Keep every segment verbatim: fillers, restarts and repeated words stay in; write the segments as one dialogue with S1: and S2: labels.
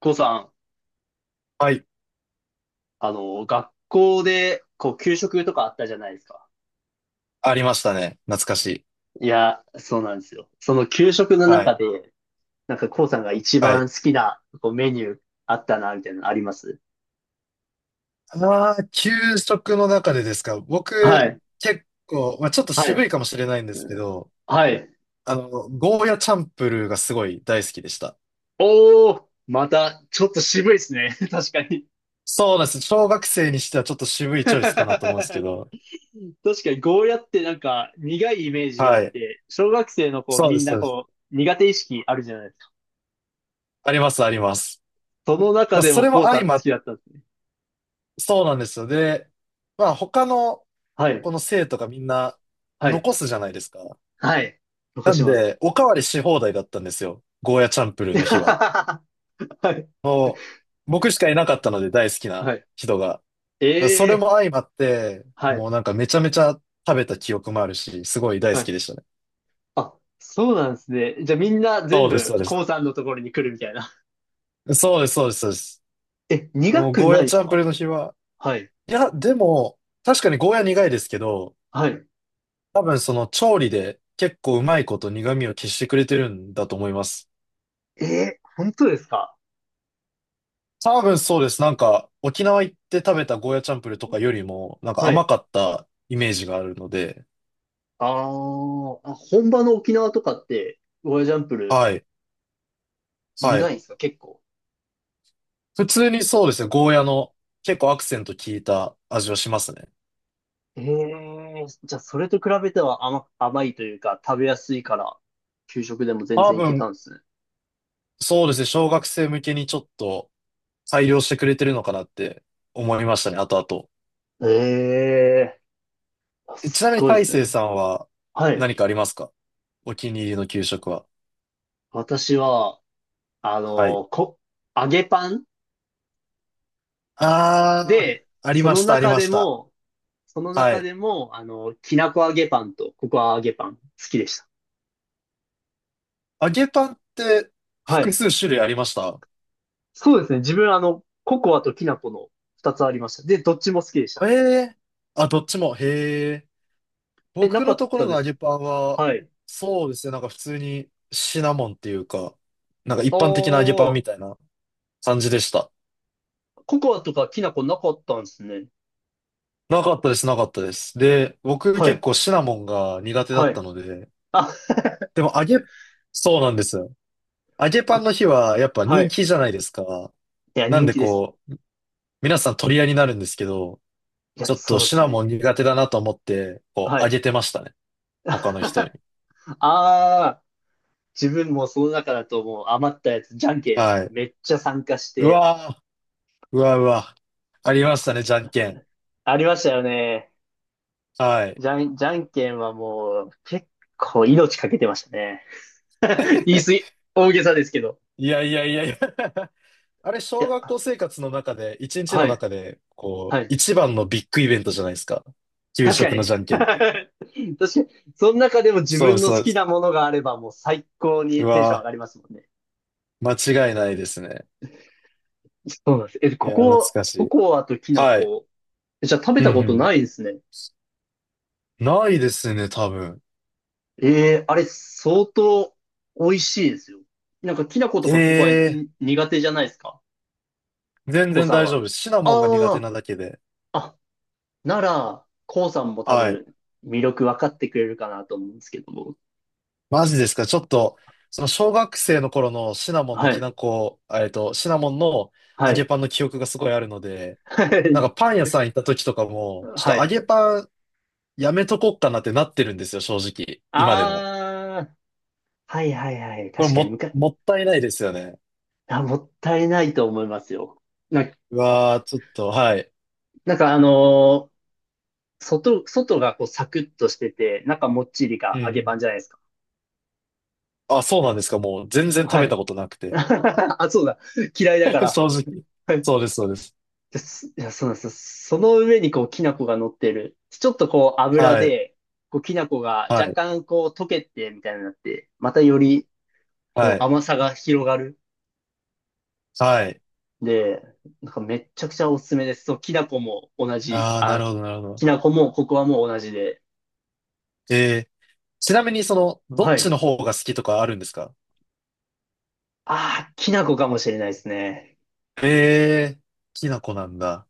S1: こうさん、
S2: はい。
S1: あの、学校で、こう、給食とかあったじゃないですか。
S2: ありましたね。懐かしい。
S1: いや、そうなんですよ。その給食の
S2: は
S1: 中
S2: い。
S1: で、なんかこうさんが一
S2: は
S1: 番
S2: い。
S1: 好きな、こう、メニューあったな、みたいなのあります？
S2: ああ、給食の中でですか。
S1: は
S2: 僕、
S1: い、
S2: 結構、まあ、ちょっと
S1: は
S2: 渋
S1: い、
S2: いかもしれないんで
S1: う
S2: すけ
S1: ん、
S2: ど、
S1: はい。
S2: あの、ゴーヤチャンプルーがすごい大好きでした。
S1: おー、また、ちょっと渋いですね。確かに。
S2: そうなんです。小学生にしてはちょっと 渋いチ
S1: 確
S2: ョイスかなと思うんです
S1: か
S2: けど。
S1: に、ゴーヤってなんか、苦いイメージがあ
S2: は
S1: っ
S2: い。
S1: て、小学生の子、
S2: そう
S1: み
S2: で
S1: ん
S2: す、そ
S1: な
S2: うです。
S1: こう、苦手意識あるじゃないですか。
S2: あります、あります。
S1: その
S2: ま
S1: 中
S2: あ、
S1: で
S2: そ
S1: も
S2: れも
S1: こうさ
S2: 相
S1: ん好
S2: まっ、
S1: きだったんですね。
S2: そうなんですよ。で、まあ、他の、
S1: はい、
S2: この生徒がみんな
S1: はい、
S2: 残すじゃないですか。
S1: はい。残
S2: な
S1: し
S2: ん
S1: ます。
S2: で、おかわりし放題だったんですよ。ゴーヤチャンプルーの日は。
S1: はい。
S2: もう、僕しかいなかったので大好きな
S1: は
S2: 人が。だか
S1: い。
S2: らそ
S1: え
S2: れ
S1: え、
S2: も相まって、
S1: はい。
S2: もうなんかめちゃめちゃ食べた記憶もあるし、すごい大
S1: は
S2: 好
S1: い。
S2: きでしたね。
S1: あ、そうなんですね。じゃあみんな全
S2: そうです、そう
S1: 部、
S2: で
S1: コ
S2: す。
S1: ウさんのところに来るみたいな。
S2: そうです、そうです、そうです。
S1: え、
S2: で
S1: 苦
S2: も
S1: く
S2: ゴー
S1: ない
S2: ヤ
S1: で
S2: チ
S1: す
S2: ャンプ
S1: か？
S2: ルーの日は、
S1: はい。
S2: いや、でも、確かにゴーヤ苦いですけど、
S1: はい。
S2: 多分その調理で結構うまいこと苦味を消してくれてるんだと思います。
S1: ええ、本当ですか？
S2: 多分そうです。なんか、沖縄行って食べたゴーヤチャンプルーとかよりも、なんか
S1: はい。
S2: 甘かったイメージがあるので、
S1: あーあ、本場の沖縄とかって、ゴーヤジャンプル
S2: はい、は
S1: 苦い
S2: い。
S1: んですか結構？
S2: 普通にそうですね、ゴーヤの結構アクセント効いた味はしますね。
S1: ええ、じゃあそれと比べては甘、甘いというか、食べやすいから、給食でも全
S2: 多
S1: 然いけ
S2: 分、
S1: たんですね。
S2: そうですね、小学生向けにちょっと改良してくれてるのかなって思いましたね、後々。
S1: ええ、あ、
S2: えち
S1: す
S2: な
S1: っ
S2: みに
S1: ごいで
S2: 大
S1: す
S2: 成
S1: ね。
S2: さんは
S1: はい。
S2: 何かありますか？お気に入りの給食は。
S1: 私は、あ
S2: はい。
S1: の、こ、揚げパン
S2: あー、
S1: で、
S2: あり
S1: そ
S2: ま
S1: の
S2: した、あり
S1: 中
S2: ま
S1: で
S2: した。
S1: も、その
S2: は
S1: 中
S2: い。
S1: でも、あの、きなこ揚げパンとココア揚げパン好きでした。
S2: 揚げパンって
S1: は
S2: 複
S1: い。
S2: 数種類ありました？
S1: そうですね。自分、あの、ココアときなこの二つありました。で、どっちも好きでした。
S2: へえ。あ、どっちも。へえ。
S1: え、な
S2: 僕
S1: か
S2: の
S1: っ
S2: ところ
S1: た
S2: の
S1: で
S2: 揚
S1: す。
S2: げパンは、
S1: はい。
S2: そうですね、なんか普通にシナモンっていうか、なんか一
S1: あ
S2: 般的な揚げパン
S1: ー、
S2: みたいな感じでした。
S1: ココアとかきなこなかったんですね。
S2: なかったです、なかったです。で、僕
S1: は
S2: 結
S1: い。
S2: 構シナモンが苦手だ
S1: は
S2: っ
S1: い。
S2: たので、
S1: あ、
S2: でも揚げ、そうなんですよ。揚げパ
S1: あ、
S2: ンの日はやっぱ
S1: は
S2: 人
S1: い。
S2: 気じゃないですか。
S1: いや、
S2: なん
S1: 人
S2: で
S1: 気です。
S2: こう、皆さん取り合いになるんですけど、
S1: いや、
S2: ちょっと
S1: そうで
S2: シ
S1: す
S2: ナ
S1: ね。
S2: モン苦手だなと思って、こ
S1: は
S2: う、揚
S1: い。
S2: げてましたね。他の人に。
S1: ああ、自分もその中だともう余ったやつ、じゃんけん
S2: はい。
S1: めっちゃ参加し
S2: う
S1: て、
S2: わー、うわうわ。あり
S1: も
S2: ました
S1: う
S2: ね、じゃんけん。
S1: ありましたよね。
S2: はい。
S1: じゃん、じゃんけんはもう結構命かけてましたね。言い過ぎ、大げさですけど。
S2: いやいやいやいや あれ、
S1: い
S2: 小学
S1: や、
S2: 校生活の中で、一日
S1: は
S2: の
S1: い、
S2: 中で、こ
S1: は
S2: う、
S1: い。
S2: 一番のビッグイベントじゃないですか。給
S1: 確か
S2: 食の
S1: に。
S2: じゃんけんって。
S1: 確かに。その中でも自
S2: そうで
S1: 分
S2: す、
S1: の好
S2: そうで
S1: き
S2: す。
S1: なものがあればもう最高
S2: う
S1: にテンション上
S2: わ
S1: がりますもんね。
S2: ー、間違いないですね。
S1: そうなんです。え、
S2: い
S1: こ
S2: やー、懐
S1: こ、
S2: かし
S1: コ
S2: い。
S1: コアときな
S2: はい。
S1: 粉。じゃあ食べ
S2: う
S1: たこと
S2: ん
S1: ないですね。
S2: うん。ないですね、多分。
S1: ええ、あれ、相当美味しいですよ。なんか、きな粉と
S2: え
S1: かココア
S2: えー、
S1: に苦手じゃないですか、
S2: 全
S1: コウ
S2: 然
S1: さん
S2: 大丈夫
S1: は？
S2: です。シナモンが苦手
S1: あ
S2: なだけで。
S1: あ、あ、なら、コウさんも多
S2: はい。
S1: 分、魅力分かってくれるかなと思うんですけども。
S2: マジですか、ちょっと、その小学生の頃のシナモンの
S1: は
S2: き
S1: い、
S2: なこ、えっと、シナモンの
S1: は
S2: 揚げ
S1: い、
S2: パンの記憶がすごいあるので、
S1: は
S2: なん
S1: い、
S2: かパン屋さん行った時とかも、ちょ
S1: は
S2: っと揚
S1: い。
S2: げパンやめとこっかなってなってるんですよ、正直。今でも。
S1: ああ、はいはいはい。
S2: これ
S1: 確かに、む
S2: も、
S1: か、
S2: もったいないですよね。
S1: あ、もったいないと思いますよ。な、
S2: うわー、ちょっと、はい。
S1: なんかあのー外、外がこうサクッとしてて、中もっちり
S2: う
S1: が揚げパン
S2: ん。
S1: じゃないですか。
S2: あ、そうなんですか。もう全然食
S1: は
S2: べた
S1: い。
S2: ことなくて。
S1: あ、そうだ。嫌いだか ら。
S2: 正直。
S1: はい。
S2: そうです、そうです。
S1: ですいや、そうなんですよ。その上にこう、きな粉が乗ってる。ちょっとこう、油
S2: はい、
S1: で、こう、きな粉が若
S2: はい、
S1: 干こう、溶けて、みたいになって、またより、
S2: は
S1: こう、
S2: い、
S1: 甘さが広がる。
S2: はい。
S1: で、なんかめっちゃくちゃおすすめです。そう、きな粉も同じ。
S2: あー、な
S1: あ、
S2: るほど、なるほ
S1: き
S2: ど。
S1: な粉も、ここはもう同じで。
S2: えー、ちなみにその、どっ
S1: は
S2: ち
S1: い。
S2: の方が好きとかあるんですか？
S1: ああ、きな粉かもしれないですね。
S2: えー、きな粉なんだ。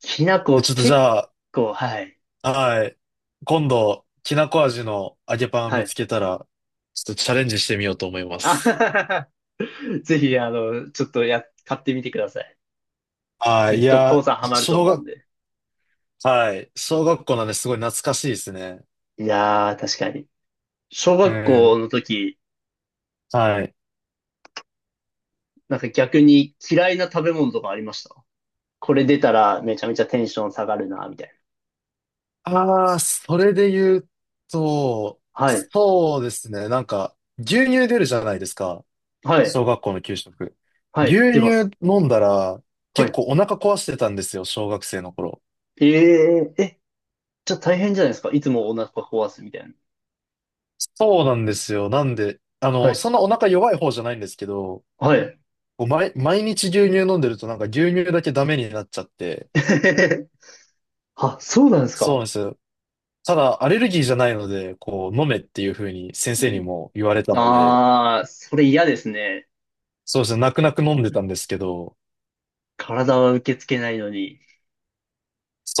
S1: きな
S2: え
S1: 粉
S2: ちょっとじ
S1: 結
S2: ゃあ、
S1: 構、はい。
S2: はい。今度、きなこ味の揚げパンを
S1: は
S2: 見
S1: い。
S2: つけたら、ちょっとチャレンジしてみようと思いま
S1: あは
S2: す。
S1: はは、はぜひ、あの、ちょっとや、買ってみてください。
S2: は
S1: き
S2: い。
S1: っ
S2: い
S1: とコ
S2: や、
S1: ウさんハマると
S2: 小
S1: 思うん
S2: 学、
S1: で。
S2: はい。小学校なんで、すごい懐かしいですね。
S1: いやー、確かに。小
S2: う
S1: 学校
S2: ん。
S1: の時、
S2: はい。
S1: なんか逆に嫌いな食べ物とかありました？これ出たらめちゃめちゃテンション下がるな、みたい
S2: ああ、それで言うと、
S1: な。はい、
S2: そうですね。なんか、牛乳出るじゃないですか。
S1: はい、
S2: 小学校の給食。
S1: は
S2: 牛
S1: い、出ます。
S2: 乳飲んだら、
S1: は
S2: 結
S1: い。
S2: 構お腹壊してたんですよ、小学生の頃。
S1: えー、え、じゃあ大変じゃないですか、いつもお腹壊すみたいな。
S2: そうなんですよ。なんで、あ
S1: は
S2: の、
S1: い、
S2: そんなお腹弱い方じゃないんですけど、
S1: はい。
S2: こう毎、毎日牛乳飲んでるとなんか牛乳だけダメになっちゃって、
S1: あ、そうなんです
S2: そうな
S1: か？
S2: んですよ。ただアレルギーじゃないので、こう飲めっていうふうに先生にも言われたので、
S1: ああー、それ嫌ですね。
S2: そうですね、泣く泣く飲んでたんですけど、
S1: 体は受け付けないのに。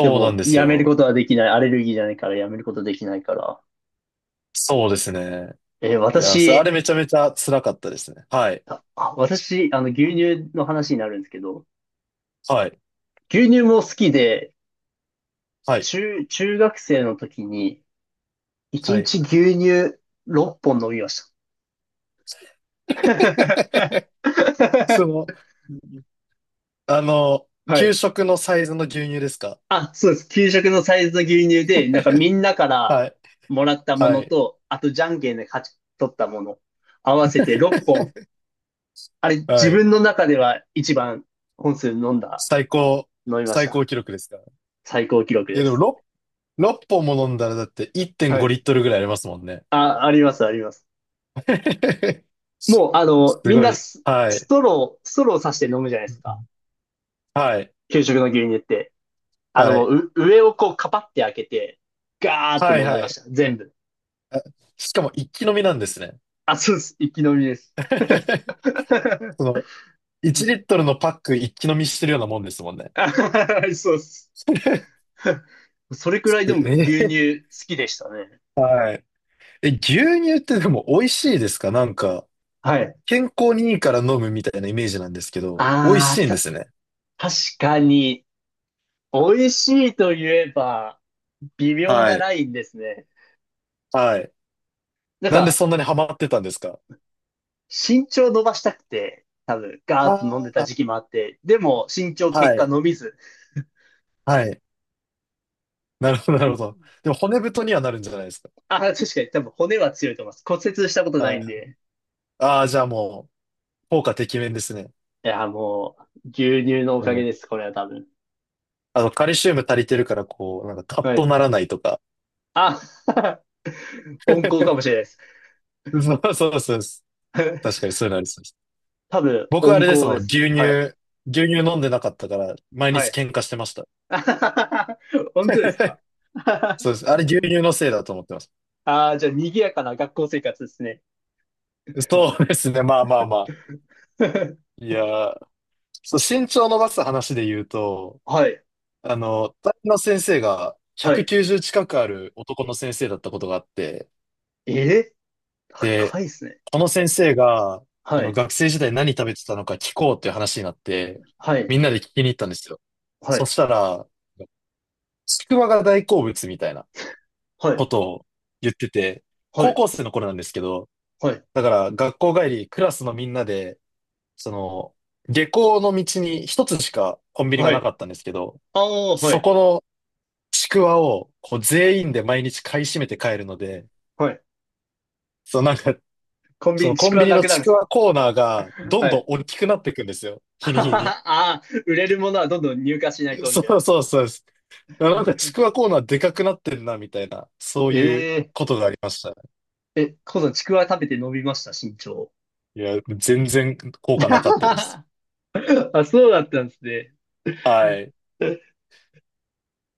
S1: で
S2: うなん
S1: も、
S2: です
S1: やめる
S2: よ。
S1: ことはできない。アレルギーじゃないからやめることできないから。
S2: そうですね。
S1: えー
S2: いや、それあれ
S1: 私、
S2: めちゃめちゃ辛かったですね。はい。
S1: あ、あ私、あの、牛乳の話になるんですけど、
S2: はい。
S1: 牛乳も好きで、
S2: はい。
S1: 中、中学生の時に、一
S2: はい。
S1: 日牛乳ろっぽん飲みました。
S2: その、あの、
S1: は
S2: 給
S1: い。
S2: 食のサイズの牛乳ですか？
S1: あ、そうです。給食のサイズの牛乳で、なんかみんなから
S2: はい。
S1: もらったも
S2: は
S1: の
S2: い。
S1: と、あとじゃんけんで勝ち取ったもの、合わせてろっぽん。あれ、自
S2: はい。
S1: 分の中では一番本数飲んだ、
S2: 最高、
S1: 飲みまし
S2: 最
S1: た。
S2: 高記録ですか？
S1: 最高記録で
S2: え、でも
S1: す。
S2: ろく ろっぽんも飲んだらだって
S1: は
S2: いってんご
S1: い。
S2: リットルぐらいありますもんね。
S1: あ、あります、あります。
S2: す
S1: もう、あの、みん
S2: ご
S1: な
S2: い。
S1: ス、
S2: は
S1: ス
S2: い。
S1: トロー、ストローさして飲むじゃない
S2: う
S1: ですか、
S2: ん、はい。
S1: 給食の牛乳って。あの、
S2: は
S1: も
S2: い。
S1: う、う上をこう、カパって開けて、ガーッと
S2: はい。
S1: 飲んで
S2: は
S1: まし
S2: い。
S1: た。全部。
S2: あ、しかも一気飲みなんですね。
S1: あ、そうです。一気飲みです。
S2: その、いちリットルのパック一気飲みしてるようなもんですもんね。
S1: あ、そうです。それくらいでも牛
S2: え
S1: 乳好きでしたね。
S2: ーはい。え、牛乳ってでも美味しいですか？なんか、
S1: はい。
S2: 健康にいいから飲むみたいなイメージなんですけど、美味
S1: あ
S2: し
S1: あ、
S2: いんで
S1: た、
S2: すね。
S1: 確かに、美味しいと言えば、微妙
S2: は
S1: な
S2: い。
S1: ラインですね。
S2: はい。
S1: なん
S2: なんで
S1: か、
S2: そんなにハマってたんですか？
S1: 身長伸ばしたくて、多分、ガーッと飲んで
S2: あ
S1: た
S2: あ
S1: 時期もあって、でも、身長
S2: ー、
S1: 結
S2: は
S1: 果
S2: い。
S1: 伸びず。
S2: はい。なるほど、なるほど。でも骨太にはなるんじゃないですか。
S1: あ、確かに多分骨は強いと思います。骨折したことな
S2: は
S1: い
S2: い。
S1: んで。
S2: ああ、じゃあもう、効果てきめんですね。
S1: いや、もう、牛乳のお
S2: う
S1: かげ
S2: ん。
S1: です、これは多分。
S2: あの、カルシウム足りてるから、こう、なんかカッ
S1: は
S2: と
S1: い。
S2: ならないとか。
S1: あ、温厚かもしれないです。
S2: そうそうそうです。確 かにそういうのありそうです。
S1: 多分、
S2: 僕はあ
S1: 温
S2: れです
S1: 厚
S2: も
S1: で
S2: ん、牛
S1: す。
S2: 乳、
S1: はい。
S2: 牛乳飲んでなかったから、毎
S1: は
S2: 日
S1: い。
S2: 喧嘩してました。
S1: 本当です か？
S2: そうです。あれ牛乳のせいだと思ってます。
S1: ああ、じゃあ、賑やかな学校生活ですね。
S2: そうですね。まあまあまあ。いやー、そう、身長伸ばす話で言うと、
S1: はい。
S2: あの、担任の先生が
S1: はい。
S2: ひゃくきゅうじゅう近くある男の先生だったことがあって、
S1: えー、
S2: で
S1: 高いですね。
S2: この先生が、こ
S1: は
S2: の
S1: い。
S2: 学生時代何食べてたのか聞こうっていう話になって、
S1: はい。
S2: みんなで聞きに行ったんですよ。
S1: は
S2: そ
S1: い。
S2: したら、ちくわが大好物みたいな
S1: は
S2: こ
S1: い。
S2: とを言ってて、
S1: は
S2: 高
S1: い。
S2: 校生の頃なんですけど、
S1: はい。
S2: だから学校帰り、クラスのみんなで、その、下校の道に一つしかコンビニが
S1: は
S2: なか
S1: い。
S2: ったんですけど、
S1: ああ、は
S2: そ
S1: い。
S2: このちくわをこう全員で毎日買い占めて帰るので、
S1: はい。
S2: そうなんか
S1: コン
S2: そ
S1: ビ
S2: の
S1: ニ、ち
S2: コ
S1: く
S2: ン
S1: わ
S2: ビニ
S1: な
S2: の
S1: くなるん
S2: ち
S1: で
S2: く
S1: す
S2: わ
S1: か？
S2: コーナーがどん
S1: は
S2: どん
S1: い。
S2: 大きくなっていくんですよ。日に日に。
S1: ああ、売れるものはどんどん入荷しないと、み
S2: そ
S1: たい
S2: う
S1: な。
S2: そうそうです。なんかちくわコーナーでかくなってんな、みたいな、そういう
S1: え
S2: ことがありました。
S1: え、え、このちくわ食べて伸びました、身長。
S2: いや、全然効果 なかったです。
S1: あ、そうだったんですね。
S2: はい。